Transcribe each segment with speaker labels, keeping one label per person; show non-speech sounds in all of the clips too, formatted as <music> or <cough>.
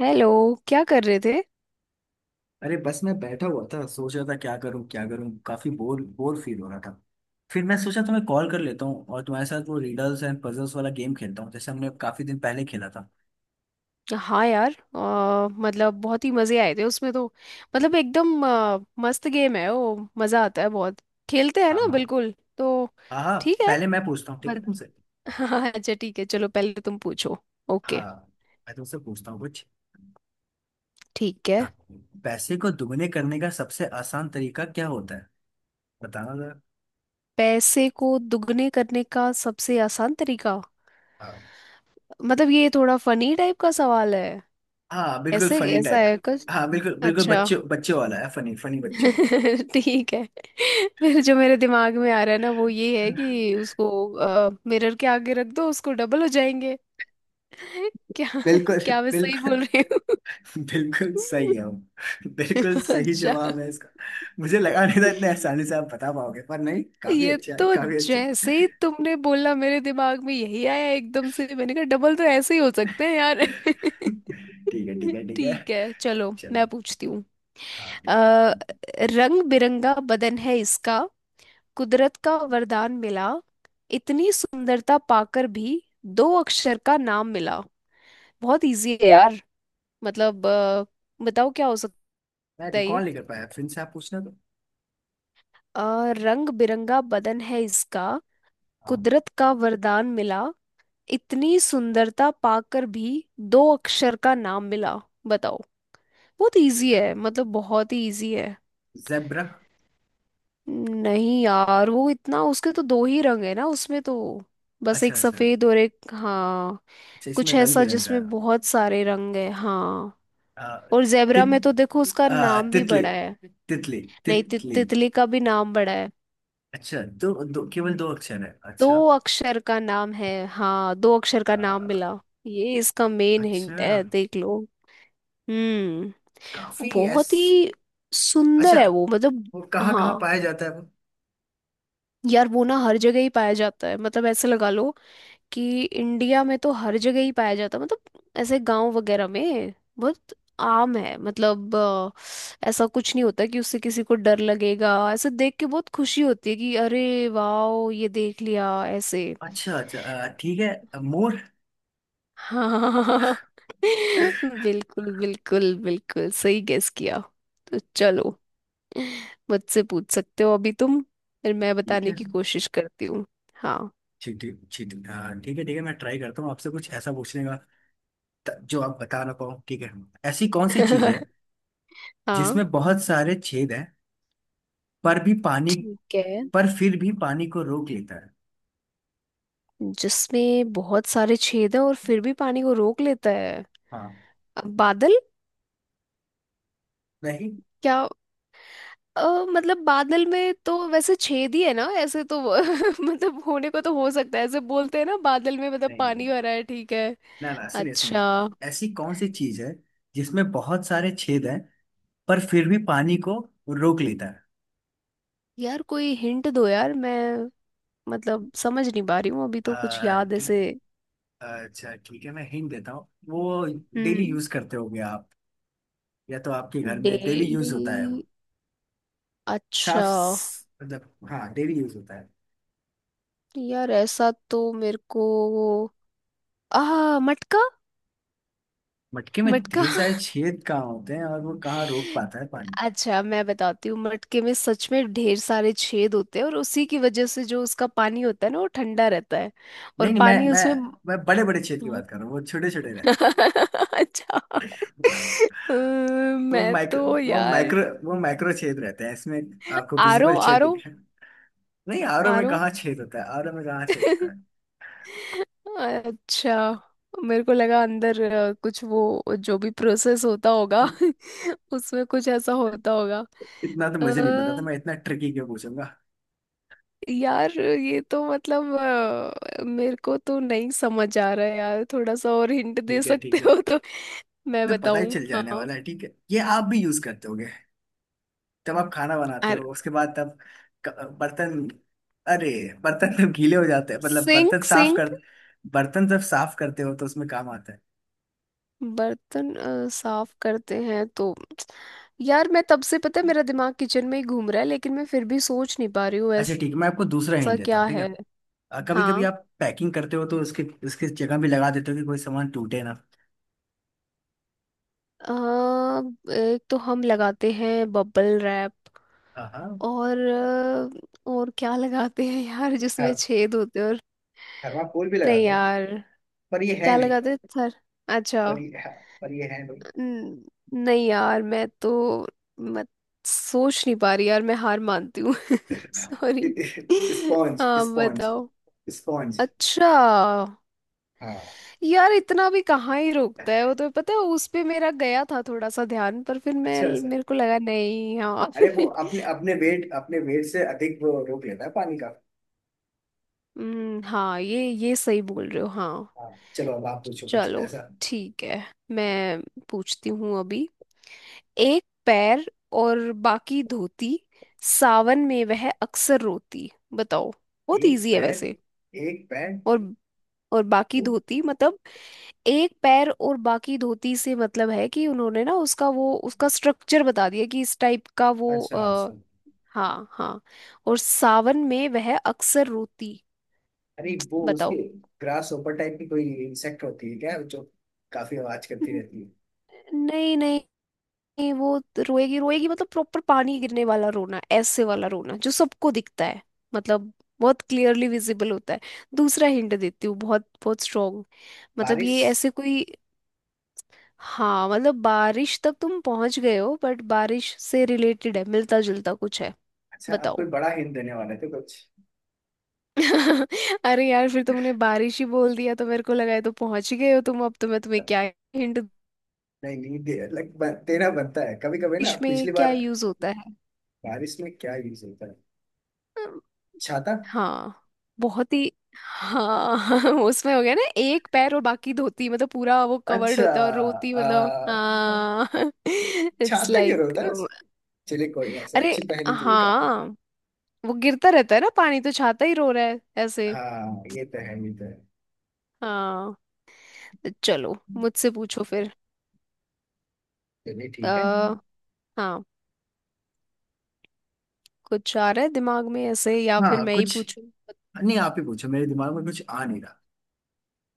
Speaker 1: Hello. क्या कर रहे थे?
Speaker 2: अरे बस मैं बैठा हुआ था। सोच रहा था क्या करूं क्या करूं। काफी बोर बोर फील हो रहा था। फिर मैं सोचा तुम्हें कॉल कर लेता हूँ और तुम्हारे साथ वो रीडल्स एंड पजल्स वाला गेम खेलता हूँ जैसे हमने काफी दिन पहले खेला था।
Speaker 1: हाँ यार, मतलब बहुत ही मज़े आए थे उसमें तो। मतलब एकदम मस्त गेम है वो, मज़ा आता है बहुत। खेलते हैं
Speaker 2: हाँ
Speaker 1: ना,
Speaker 2: हाँ।
Speaker 1: बिल्कुल। तो
Speaker 2: हाँ हाँ।
Speaker 1: ठीक है।
Speaker 2: पहले मैं पूछता हूँ, ठीक है
Speaker 1: बट
Speaker 2: तुमसे?
Speaker 1: <laughs> हाँ, अच्छा ठीक है, चलो पहले तुम पूछो।
Speaker 2: हाँ।
Speaker 1: ओके।
Speaker 2: मैं तुमसे पूछता हूँ कुछ।
Speaker 1: ठीक है।
Speaker 2: हाँ। पैसे को दुगने करने का सबसे आसान तरीका क्या होता है? बताना जरा।
Speaker 1: पैसे को दुगने करने का सबसे आसान तरीका?
Speaker 2: हाँ।
Speaker 1: मतलब ये थोड़ा फनी टाइप का सवाल है।
Speaker 2: हाँ, बिल्कुल
Speaker 1: ऐसे
Speaker 2: फनी
Speaker 1: ऐसा
Speaker 2: टाइप।
Speaker 1: है कुछ?
Speaker 2: हाँ, बिल्कुल बिल्कुल
Speaker 1: अच्छा।
Speaker 2: बच्चे बच्चे वाला है। फनी फनी बच्चे
Speaker 1: <laughs> ठीक है। फिर जो मेरे दिमाग में आ रहा है ना वो ये है
Speaker 2: वाला।
Speaker 1: कि उसको मिरर के आगे रख दो, उसको डबल हो जाएंगे। <laughs>
Speaker 2: <laughs>
Speaker 1: क्या?
Speaker 2: बिल्कुल।
Speaker 1: क्या मैं सही
Speaker 2: बिल्कुल
Speaker 1: बोल रही हूँ?
Speaker 2: बिल्कुल सही है वो। <laughs> बिल्कुल
Speaker 1: <laughs>
Speaker 2: सही
Speaker 1: अच्छा।
Speaker 2: जवाब है इसका। मुझे लगा नहीं था इतने आसानी से आप बता पाओगे, पर नहीं, काफी
Speaker 1: ये
Speaker 2: अच्छा है,
Speaker 1: तो
Speaker 2: काफी अच्छा।
Speaker 1: जैसे ही तुमने बोला, मेरे दिमाग में यही आया एकदम से। मैंने कहा डबल तो ऐसे ही हो सकते हैं यार।
Speaker 2: <laughs> ठीक है ठीक
Speaker 1: <laughs>
Speaker 2: है ठीक है।
Speaker 1: ठीक है, चलो
Speaker 2: चलो।
Speaker 1: मैं पूछती हूँ।
Speaker 2: हाँ, ठीक है।
Speaker 1: अ, रंग बिरंगा बदन है इसका। कुदरत का वरदान मिला। इतनी सुंदरता पाकर भी दो अक्षर का नाम मिला। बहुत इजी है यार। मतलब बताओ क्या हो
Speaker 2: मैं
Speaker 1: सकता है ये।
Speaker 2: रिकॉल नहीं कर पाया, फिर से आप पूछना तो।
Speaker 1: अ, रंग बिरंगा बदन है इसका।
Speaker 2: हाँ।
Speaker 1: कुदरत का वरदान मिला। इतनी सुंदरता पाकर भी दो अक्षर का नाम मिला। बताओ। बहुत इजी है, मतलब बहुत ही इजी है।
Speaker 2: जेब्रा।
Speaker 1: नहीं यार, वो इतना, उसके तो दो ही रंग है ना उसमें तो, बस
Speaker 2: अच्छा
Speaker 1: एक
Speaker 2: अच्छा।
Speaker 1: सफेद और एक, हाँ।
Speaker 2: अच्छा,
Speaker 1: कुछ
Speaker 2: इसमें रंग
Speaker 1: ऐसा
Speaker 2: बिरंगा
Speaker 1: जिसमें
Speaker 2: है।
Speaker 1: बहुत सारे रंग है, हाँ।
Speaker 2: आ,
Speaker 1: और जेबरा
Speaker 2: तित
Speaker 1: में तो देखो उसका नाम भी
Speaker 2: तितली।
Speaker 1: बड़ा है।
Speaker 2: तितली
Speaker 1: नहीं, ति
Speaker 2: तितली।
Speaker 1: तितली का भी नाम बड़ा है।
Speaker 2: अच्छा, दो केवल दो अक्षर है?
Speaker 1: दो
Speaker 2: अच्छा।
Speaker 1: अक्षर का नाम है, हाँ, दो अक्षर का नाम
Speaker 2: आ,
Speaker 1: मिला। ये इसका मेन हिंट
Speaker 2: अच्छा।
Speaker 1: है, देख लो। हम्म।
Speaker 2: काफी। एस।
Speaker 1: बहुत ही
Speaker 2: अच्छा।
Speaker 1: सुंदर है वो मतलब।
Speaker 2: वो कहाँ कहाँ
Speaker 1: हाँ
Speaker 2: पाया जाता है वो?
Speaker 1: यार, वो ना हर जगह ही पाया जाता है, मतलब ऐसे लगा लो कि इंडिया में तो हर जगह ही पाया जाता है, मतलब ऐसे गांव वगैरह में। बहुत आम है, मतलब ऐसा कुछ नहीं होता कि उससे किसी को डर लगेगा, ऐसे देख के बहुत खुशी होती है कि अरे वाह, ये देख लिया ऐसे।
Speaker 2: अच्छा अच्छा। ठीक है। मोर।
Speaker 1: हाँ। <laughs> बिल्कुल बिल्कुल बिल्कुल सही गेस किया। तो चलो, मुझसे पूछ सकते हो अभी तुम, फिर मैं
Speaker 2: ठीक
Speaker 1: बताने
Speaker 2: है।
Speaker 1: की कोशिश करती हूँ। हाँ।
Speaker 2: चींटी चींटी। ठीक है ठीक है। मैं ट्राई करता हूँ आपसे कुछ ऐसा पूछने का जो आप बता ना पाओ, ठीक है? ऐसी कौन सी चीज है
Speaker 1: <laughs> हाँ,
Speaker 2: जिसमें बहुत सारे छेद हैं पर भी पानी
Speaker 1: ठीक है।
Speaker 2: पर फिर भी पानी को रोक लेता है?
Speaker 1: जिसमें बहुत सारे छेद हैं और फिर भी पानी को रोक लेता है?
Speaker 2: हाँ।
Speaker 1: अब बादल?
Speaker 2: नहीं
Speaker 1: क्या? अ, मतलब बादल में तो वैसे छेद ही है ना ऐसे तो, <laughs> मतलब होने को तो हो सकता है, ऐसे बोलते हैं ना बादल में मतलब
Speaker 2: नहीं। नहीं,
Speaker 1: पानी भरा है, ठीक है।
Speaker 2: ना ना, सुनिए
Speaker 1: अच्छा।
Speaker 2: सुनिए, ऐसी कौन सी चीज है जिसमें बहुत सारे छेद हैं पर फिर भी पानी को रोक लेता है?
Speaker 1: यार कोई हिंट दो यार। मैं मतलब समझ नहीं पा रही हूँ अभी तो, कुछ याद ऐसे।
Speaker 2: ठीक। अच्छा, ठीक है, मैं हिंट देता हूँ वो। डेली
Speaker 1: हम्म।
Speaker 2: यूज करते होगे आप, या तो आपके घर में डेली यूज
Speaker 1: डेली?
Speaker 2: होता है वो।
Speaker 1: अच्छा।
Speaker 2: मतलब हाँ, डेली यूज होता है।
Speaker 1: यार ऐसा तो मेरे को, आ मटका।
Speaker 2: मटके में
Speaker 1: मटका?
Speaker 2: ढेर सारे छेद कहाँ होते हैं और वो कहाँ रोक
Speaker 1: <laughs>
Speaker 2: पाता है पानी?
Speaker 1: अच्छा मैं बताती हूँ, मटके में सच में ढेर सारे छेद होते हैं और उसी की वजह से जो उसका पानी होता है ना, वो ठंडा रहता है। और
Speaker 2: नहीं नहीं, मैं
Speaker 1: पानी
Speaker 2: मैं
Speaker 1: उसमें।
Speaker 2: मैं बड़े बड़े छेद की बात कर रहा हूँ, वो छोटे छोटे
Speaker 1: <laughs>
Speaker 2: रहते
Speaker 1: अच्छा।
Speaker 2: हैं। वो
Speaker 1: मैं
Speaker 2: माइक्रो
Speaker 1: तो
Speaker 2: वो
Speaker 1: यार,
Speaker 2: माइक्रो वो माइक्रो छेद रहते हैं इसमें। आपको
Speaker 1: आरो।
Speaker 2: विजिबल छेद
Speaker 1: आरो?
Speaker 2: दिखे। नहीं, आरओ में
Speaker 1: आरो?
Speaker 2: कहाँ छेद होता है? आरओ में कहाँ छेद होता है?
Speaker 1: अच्छा, मेरे को लगा अंदर कुछ वो जो भी प्रोसेस होता होगा <laughs> उसमें कुछ ऐसा होता होगा।
Speaker 2: इतना तो मुझे नहीं पता था, मैं इतना ट्रिकी क्यों पूछूंगा?
Speaker 1: यार ये तो मतलब, मेरे को तो नहीं समझ आ रहा है यार। थोड़ा सा और हिंट दे
Speaker 2: ठीक है
Speaker 1: सकते
Speaker 2: ठीक है,
Speaker 1: हो तो मैं <laughs>
Speaker 2: तो पता ही
Speaker 1: बताऊं,
Speaker 2: चल जाने
Speaker 1: हाँ?
Speaker 2: वाला है। ठीक है, ये आप भी यूज करते होगे जब आप खाना बनाते
Speaker 1: अर
Speaker 2: हो उसके बाद, तब बर्तन। अरे, बर्तन जब गीले हो जाते हैं, मतलब
Speaker 1: सिंक। सिंक?
Speaker 2: बर्तन जब साफ करते हो तो उसमें काम आता है।
Speaker 1: बर्तन साफ करते हैं तो। यार मैं, तब से पता है मेरा दिमाग किचन में ही घूम रहा है लेकिन मैं फिर भी सोच नहीं पा रही हूँ
Speaker 2: अच्छा, ठीक है, मैं
Speaker 1: ऐसा।
Speaker 2: आपको दूसरा हिंट देता
Speaker 1: क्या
Speaker 2: हूँ, ठीक
Speaker 1: है?
Speaker 2: है। कभी कभी
Speaker 1: हाँ।
Speaker 2: आप पैकिंग करते हो तो उसके उसके जगह भी लगा देते हो कि कोई सामान टूटे ना।
Speaker 1: अ, एक तो हम लगाते हैं बबल रैप।
Speaker 2: हाँ हाँ।
Speaker 1: और क्या लगाते हैं यार, जिसमें
Speaker 2: थर,
Speaker 1: छेद होते हैं, और
Speaker 2: थर्माकोल भी
Speaker 1: नहीं
Speaker 2: लगाते हैं,
Speaker 1: यार,
Speaker 2: पर ये है
Speaker 1: क्या
Speaker 2: नहीं।
Speaker 1: लगाते हैं सर? अच्छा।
Speaker 2: पर ये है, पर ये है नहीं।
Speaker 1: न- नहीं यार मैं तो, मत सोच नहीं पा रही यार, मैं हार मानती हूँ। <laughs>
Speaker 2: <laughs>
Speaker 1: सॉरी,
Speaker 2: स्पॉन्ज
Speaker 1: आप
Speaker 2: स्पॉन्ज।
Speaker 1: बताओ।
Speaker 2: स्पॉन्ज।
Speaker 1: अच्छा,
Speaker 2: हाँ।
Speaker 1: यार इतना भी कहाँ ही रोकता है वो तो पता है, उस पे मेरा गया था थोड़ा सा ध्यान, पर फिर मैं,
Speaker 2: अच्छा।
Speaker 1: मेरे को लगा नहीं, हाँ।
Speaker 2: अरे वो अपने
Speaker 1: <laughs>
Speaker 2: अपने वेट से अधिक वो रोक लेता है पानी का।
Speaker 1: हम्म, हाँ, ये सही बोल रहे हो, हाँ।
Speaker 2: हाँ। चलो, अब आप पूछो कुछ
Speaker 1: चलो
Speaker 2: ऐसा।
Speaker 1: ठीक है, मैं पूछती हूँ अभी। एक पैर और बाकी धोती, सावन में वह अक्सर रोती। बताओ। बहुत
Speaker 2: एक
Speaker 1: इजी है
Speaker 2: पैर।
Speaker 1: वैसे।
Speaker 2: एक पैर।
Speaker 1: और और बाकी धोती मतलब, एक पैर और बाकी धोती से मतलब है कि उन्होंने ना उसका वो उसका स्ट्रक्चर बता दिया कि इस टाइप का वो
Speaker 2: अच्छा अच्छा।
Speaker 1: हाँ हाँ, और सावन में वह अक्सर रोती।
Speaker 2: अरे वो
Speaker 1: बताओ।
Speaker 2: उसकी ग्रास ऊपर टाइप की कोई इंसेक्ट होती है क्या, जो काफी आवाज करती
Speaker 1: न-
Speaker 2: रहती है?
Speaker 1: नहीं नहीं नहीं, वो तो रोएगी रोएगी मतलब, प्रॉपर पानी गिरने वाला रोना, ऐसे वाला रोना जो सबको दिखता है, मतलब बहुत क्लियरली विजिबल होता है। दूसरा हिंट देती हूँ बहुत बहुत स्ट्रॉन्ग। मतलब
Speaker 2: बारिश।
Speaker 1: ये ऐसे कोई, हाँ मतलब, बारिश तक तुम पहुंच गए हो बट बारिश से रिलेटेड है, मिलता जुलता कुछ है।
Speaker 2: अच्छा, आप कोई
Speaker 1: बताओ।
Speaker 2: बड़ा हिंट देने वाले थे कुछ?
Speaker 1: <laughs> अरे यार, फिर तुमने बारिश ही बोल दिया तो मेरे को लगा है तो पहुंच ही गए हो तुम, अब तो मैं तुम्हें क्या हिंट?
Speaker 2: नहीं नहीं, देना बनता है कभी कभी ना,
Speaker 1: बारिश में
Speaker 2: पिछली
Speaker 1: क्या
Speaker 2: बार।
Speaker 1: यूज होता
Speaker 2: बारिश में क्या यूज होता है?
Speaker 1: है?
Speaker 2: छाता।
Speaker 1: हाँ। बहुत ही, हाँ। <laughs> उसमें हो गया ना, एक पैर और बाकी धोती मतलब पूरा वो कवर्ड
Speaker 2: अच्छा।
Speaker 1: होता है, और रोती मतलब, हाँ। <laughs> इट्स
Speaker 2: छाता क्यों
Speaker 1: लाइक
Speaker 2: होता है? चलिए, कोई ना, ऐसा
Speaker 1: अरे
Speaker 2: अच्छी पहेली थी काफी।
Speaker 1: हाँ, वो गिरता रहता है ना पानी, तो छाता ही रो रहा है ऐसे,
Speaker 2: हाँ, ये तो है, ये तो है।
Speaker 1: हाँ। चलो, मुझसे पूछो फिर।
Speaker 2: चलिए ठीक है।
Speaker 1: आ, हाँ, कुछ आ रहा है दिमाग में ऐसे या फिर
Speaker 2: हाँ
Speaker 1: मैं ही
Speaker 2: कुछ।
Speaker 1: पूछूं?
Speaker 2: नहीं, आप ही पूछो, मेरे दिमाग में कुछ आ नहीं रहा।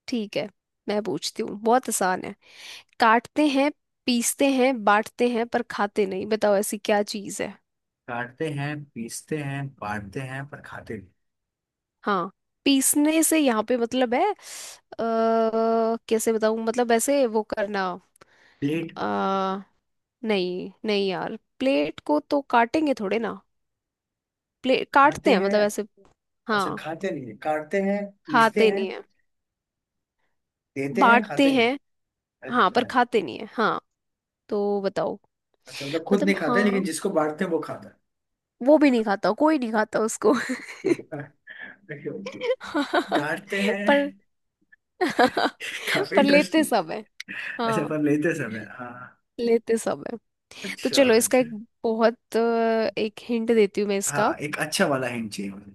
Speaker 1: ठीक है, मैं पूछती हूँ। बहुत आसान है। काटते हैं, पीसते हैं, बांटते हैं पर खाते नहीं। बताओ ऐसी क्या चीज है।
Speaker 2: काटते हैं पीसते हैं बांटते हैं पर खाते नहीं।
Speaker 1: हाँ। पीसने से यहाँ पे मतलब है, कैसे बताऊं, मतलब ऐसे वो करना।
Speaker 2: प्लेट।
Speaker 1: अ, नहीं नहीं यार, प्लेट को तो काटेंगे थोड़े ना। प्लेट काटते
Speaker 2: खाते
Speaker 1: हैं
Speaker 2: हैं?
Speaker 1: मतलब ऐसे।
Speaker 2: अच्छा,
Speaker 1: हाँ,
Speaker 2: खाते नहीं है। काटते हैं पीसते
Speaker 1: खाते
Speaker 2: हैं
Speaker 1: नहीं है।
Speaker 2: देते हैं
Speaker 1: बांटते
Speaker 2: खाते नहीं।
Speaker 1: हैं, हाँ, पर
Speaker 2: अच्छा
Speaker 1: खाते नहीं है, हाँ। तो बताओ।
Speaker 2: अच्छा, मतलब खुद
Speaker 1: मतलब,
Speaker 2: नहीं खाते लेकिन
Speaker 1: हाँ,
Speaker 2: जिसको बांटते हैं वो खाता है?
Speaker 1: वो भी नहीं खाता, कोई नहीं खाता उसको। <laughs>
Speaker 2: ठीक है। <laughs> Okay, okay.
Speaker 1: हाँ,
Speaker 2: काटते हैं।
Speaker 1: पर
Speaker 2: <laughs>
Speaker 1: <laughs>
Speaker 2: काफी
Speaker 1: पर लेते
Speaker 2: इंटरेस्टिंग।
Speaker 1: सब है।
Speaker 2: अच्छा,
Speaker 1: हाँ,
Speaker 2: पर लेते समय? हाँ।
Speaker 1: लेते सब है। तो
Speaker 2: अच्छा
Speaker 1: चलो, इसका
Speaker 2: अच्छा।
Speaker 1: बहुत अ, एक हिंट देती हूँ मैं इसका,
Speaker 2: हाँ, एक अच्छा वाला हिंट चाहिए मुझे।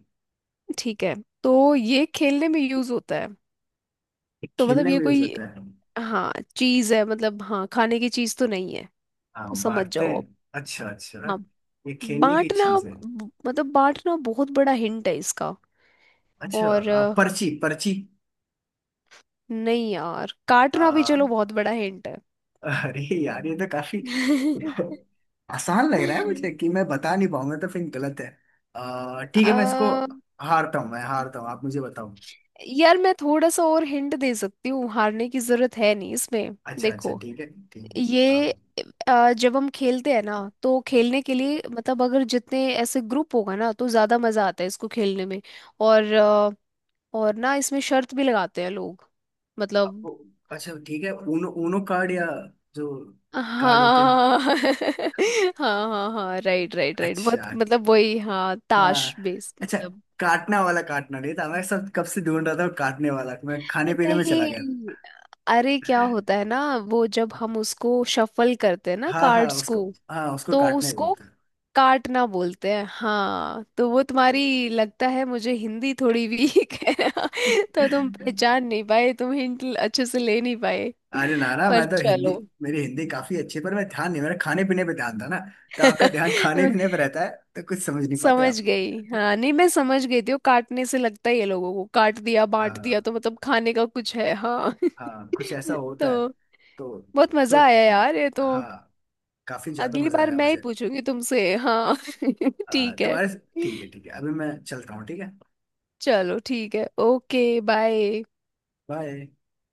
Speaker 1: ठीक है। तो ये खेलने में यूज होता है।
Speaker 2: ये
Speaker 1: तो मतलब
Speaker 2: खेलने
Speaker 1: ये
Speaker 2: में यूज
Speaker 1: कोई,
Speaker 2: होता है?
Speaker 1: हाँ, चीज है, मतलब हाँ, खाने की चीज तो नहीं है, तो
Speaker 2: हाँ,
Speaker 1: समझ
Speaker 2: बांटते
Speaker 1: जाओ आप।
Speaker 2: हैं? अच्छा अच्छा,
Speaker 1: हाँ।
Speaker 2: ये खेलने की
Speaker 1: बांटना,
Speaker 2: चीज है।
Speaker 1: मतलब बांटना बहुत बड़ा हिंट है इसका।
Speaker 2: अच्छा।
Speaker 1: और
Speaker 2: पर्ची? पर्ची?
Speaker 1: नहीं यार, काटना भी
Speaker 2: आ,
Speaker 1: चलो बहुत बड़ा हिंट है।
Speaker 2: अरे यार, ये तो काफी
Speaker 1: <laughs>
Speaker 2: आसान लग रहा है मुझे कि मैं बता नहीं पाऊंगा तो फिर गलत है। ठीक है, मैं इसको
Speaker 1: अ,
Speaker 2: हारता हूँ, मैं हारता हूँ, आप मुझे बताओ।
Speaker 1: यार मैं थोड़ा सा और हिंट दे सकती हूँ, हारने की जरूरत है नहीं इसमें,
Speaker 2: अच्छा अच्छा,
Speaker 1: देखो।
Speaker 2: ठीक है ठीक है।
Speaker 1: ये
Speaker 2: आप
Speaker 1: जब हम खेलते हैं ना तो खेलने के लिए, मतलब अगर जितने ऐसे ग्रुप होगा ना तो ज्यादा मजा आता है इसको खेलने में। और अ, और ना इसमें शर्त भी लगाते हैं लोग, मतलब
Speaker 2: आपको। अच्छा, ठीक है, ऊनो ऊनो कार्ड, या जो कार्ड होते हैं?
Speaker 1: हाँ। <laughs> हाँ हाँ हाँ, राइट राइट राइट, बहुत
Speaker 2: अच्छा।
Speaker 1: मतलब वही, हाँ,
Speaker 2: हाँ।
Speaker 1: ताश बेस्ड।
Speaker 2: अच्छा। काटना वाला काटना नहीं था, मैं सब कब से ढूंढ रहा था काटने वाला, मैं खाने पीने में चला गया
Speaker 1: नहीं, अरे क्या होता है ना, वो जब
Speaker 2: था।
Speaker 1: हम उसको शफल करते हैं ना
Speaker 2: हाँ हाँ।
Speaker 1: कार्ड्स को,
Speaker 2: उसको हाँ, उसको
Speaker 1: तो
Speaker 2: काटने
Speaker 1: उसको
Speaker 2: बोलते हैं।
Speaker 1: काटना बोलते हैं, हाँ। तो वो तुम्हारी, लगता है मुझे, हिंदी थोड़ी वीक है <laughs> तो तुम पहचान नहीं पाए, तुम हिंट अच्छे से ले नहीं पाए।
Speaker 2: अरे नाना
Speaker 1: पर
Speaker 2: मैं तो हिंदी
Speaker 1: चलो।
Speaker 2: मेरी हिंदी काफी अच्छी है, पर मैं ध्यान नहीं, मेरा खाने पीने पे ध्यान था ना। तो आपका ध्यान खाने
Speaker 1: <laughs>
Speaker 2: पीने पे रहता है तो कुछ समझ नहीं पाते
Speaker 1: समझ
Speaker 2: आप?
Speaker 1: गई, हाँ, नहीं मैं समझ गई थी वो, काटने से लगता है ये लोगों को काट दिया, बांट दिया,
Speaker 2: हाँ
Speaker 1: तो मतलब खाने का कुछ है, हाँ।
Speaker 2: हाँ, कुछ ऐसा
Speaker 1: <laughs>
Speaker 2: होता है।
Speaker 1: तो
Speaker 2: तो
Speaker 1: बहुत
Speaker 2: तो
Speaker 1: मजा आया यार ये तो।
Speaker 2: हाँ, काफी ज्यादा
Speaker 1: अगली
Speaker 2: मजा
Speaker 1: बार
Speaker 2: आया
Speaker 1: मैं ही
Speaker 2: मुझे।
Speaker 1: पूछूंगी तुमसे। हाँ। <laughs>
Speaker 2: आ,
Speaker 1: ठीक है,
Speaker 2: तुम्हारे ठीक है ठीक है, अभी मैं चलता हूँ, ठीक है।
Speaker 1: चलो ठीक है, ओके। बाय।
Speaker 2: बाय।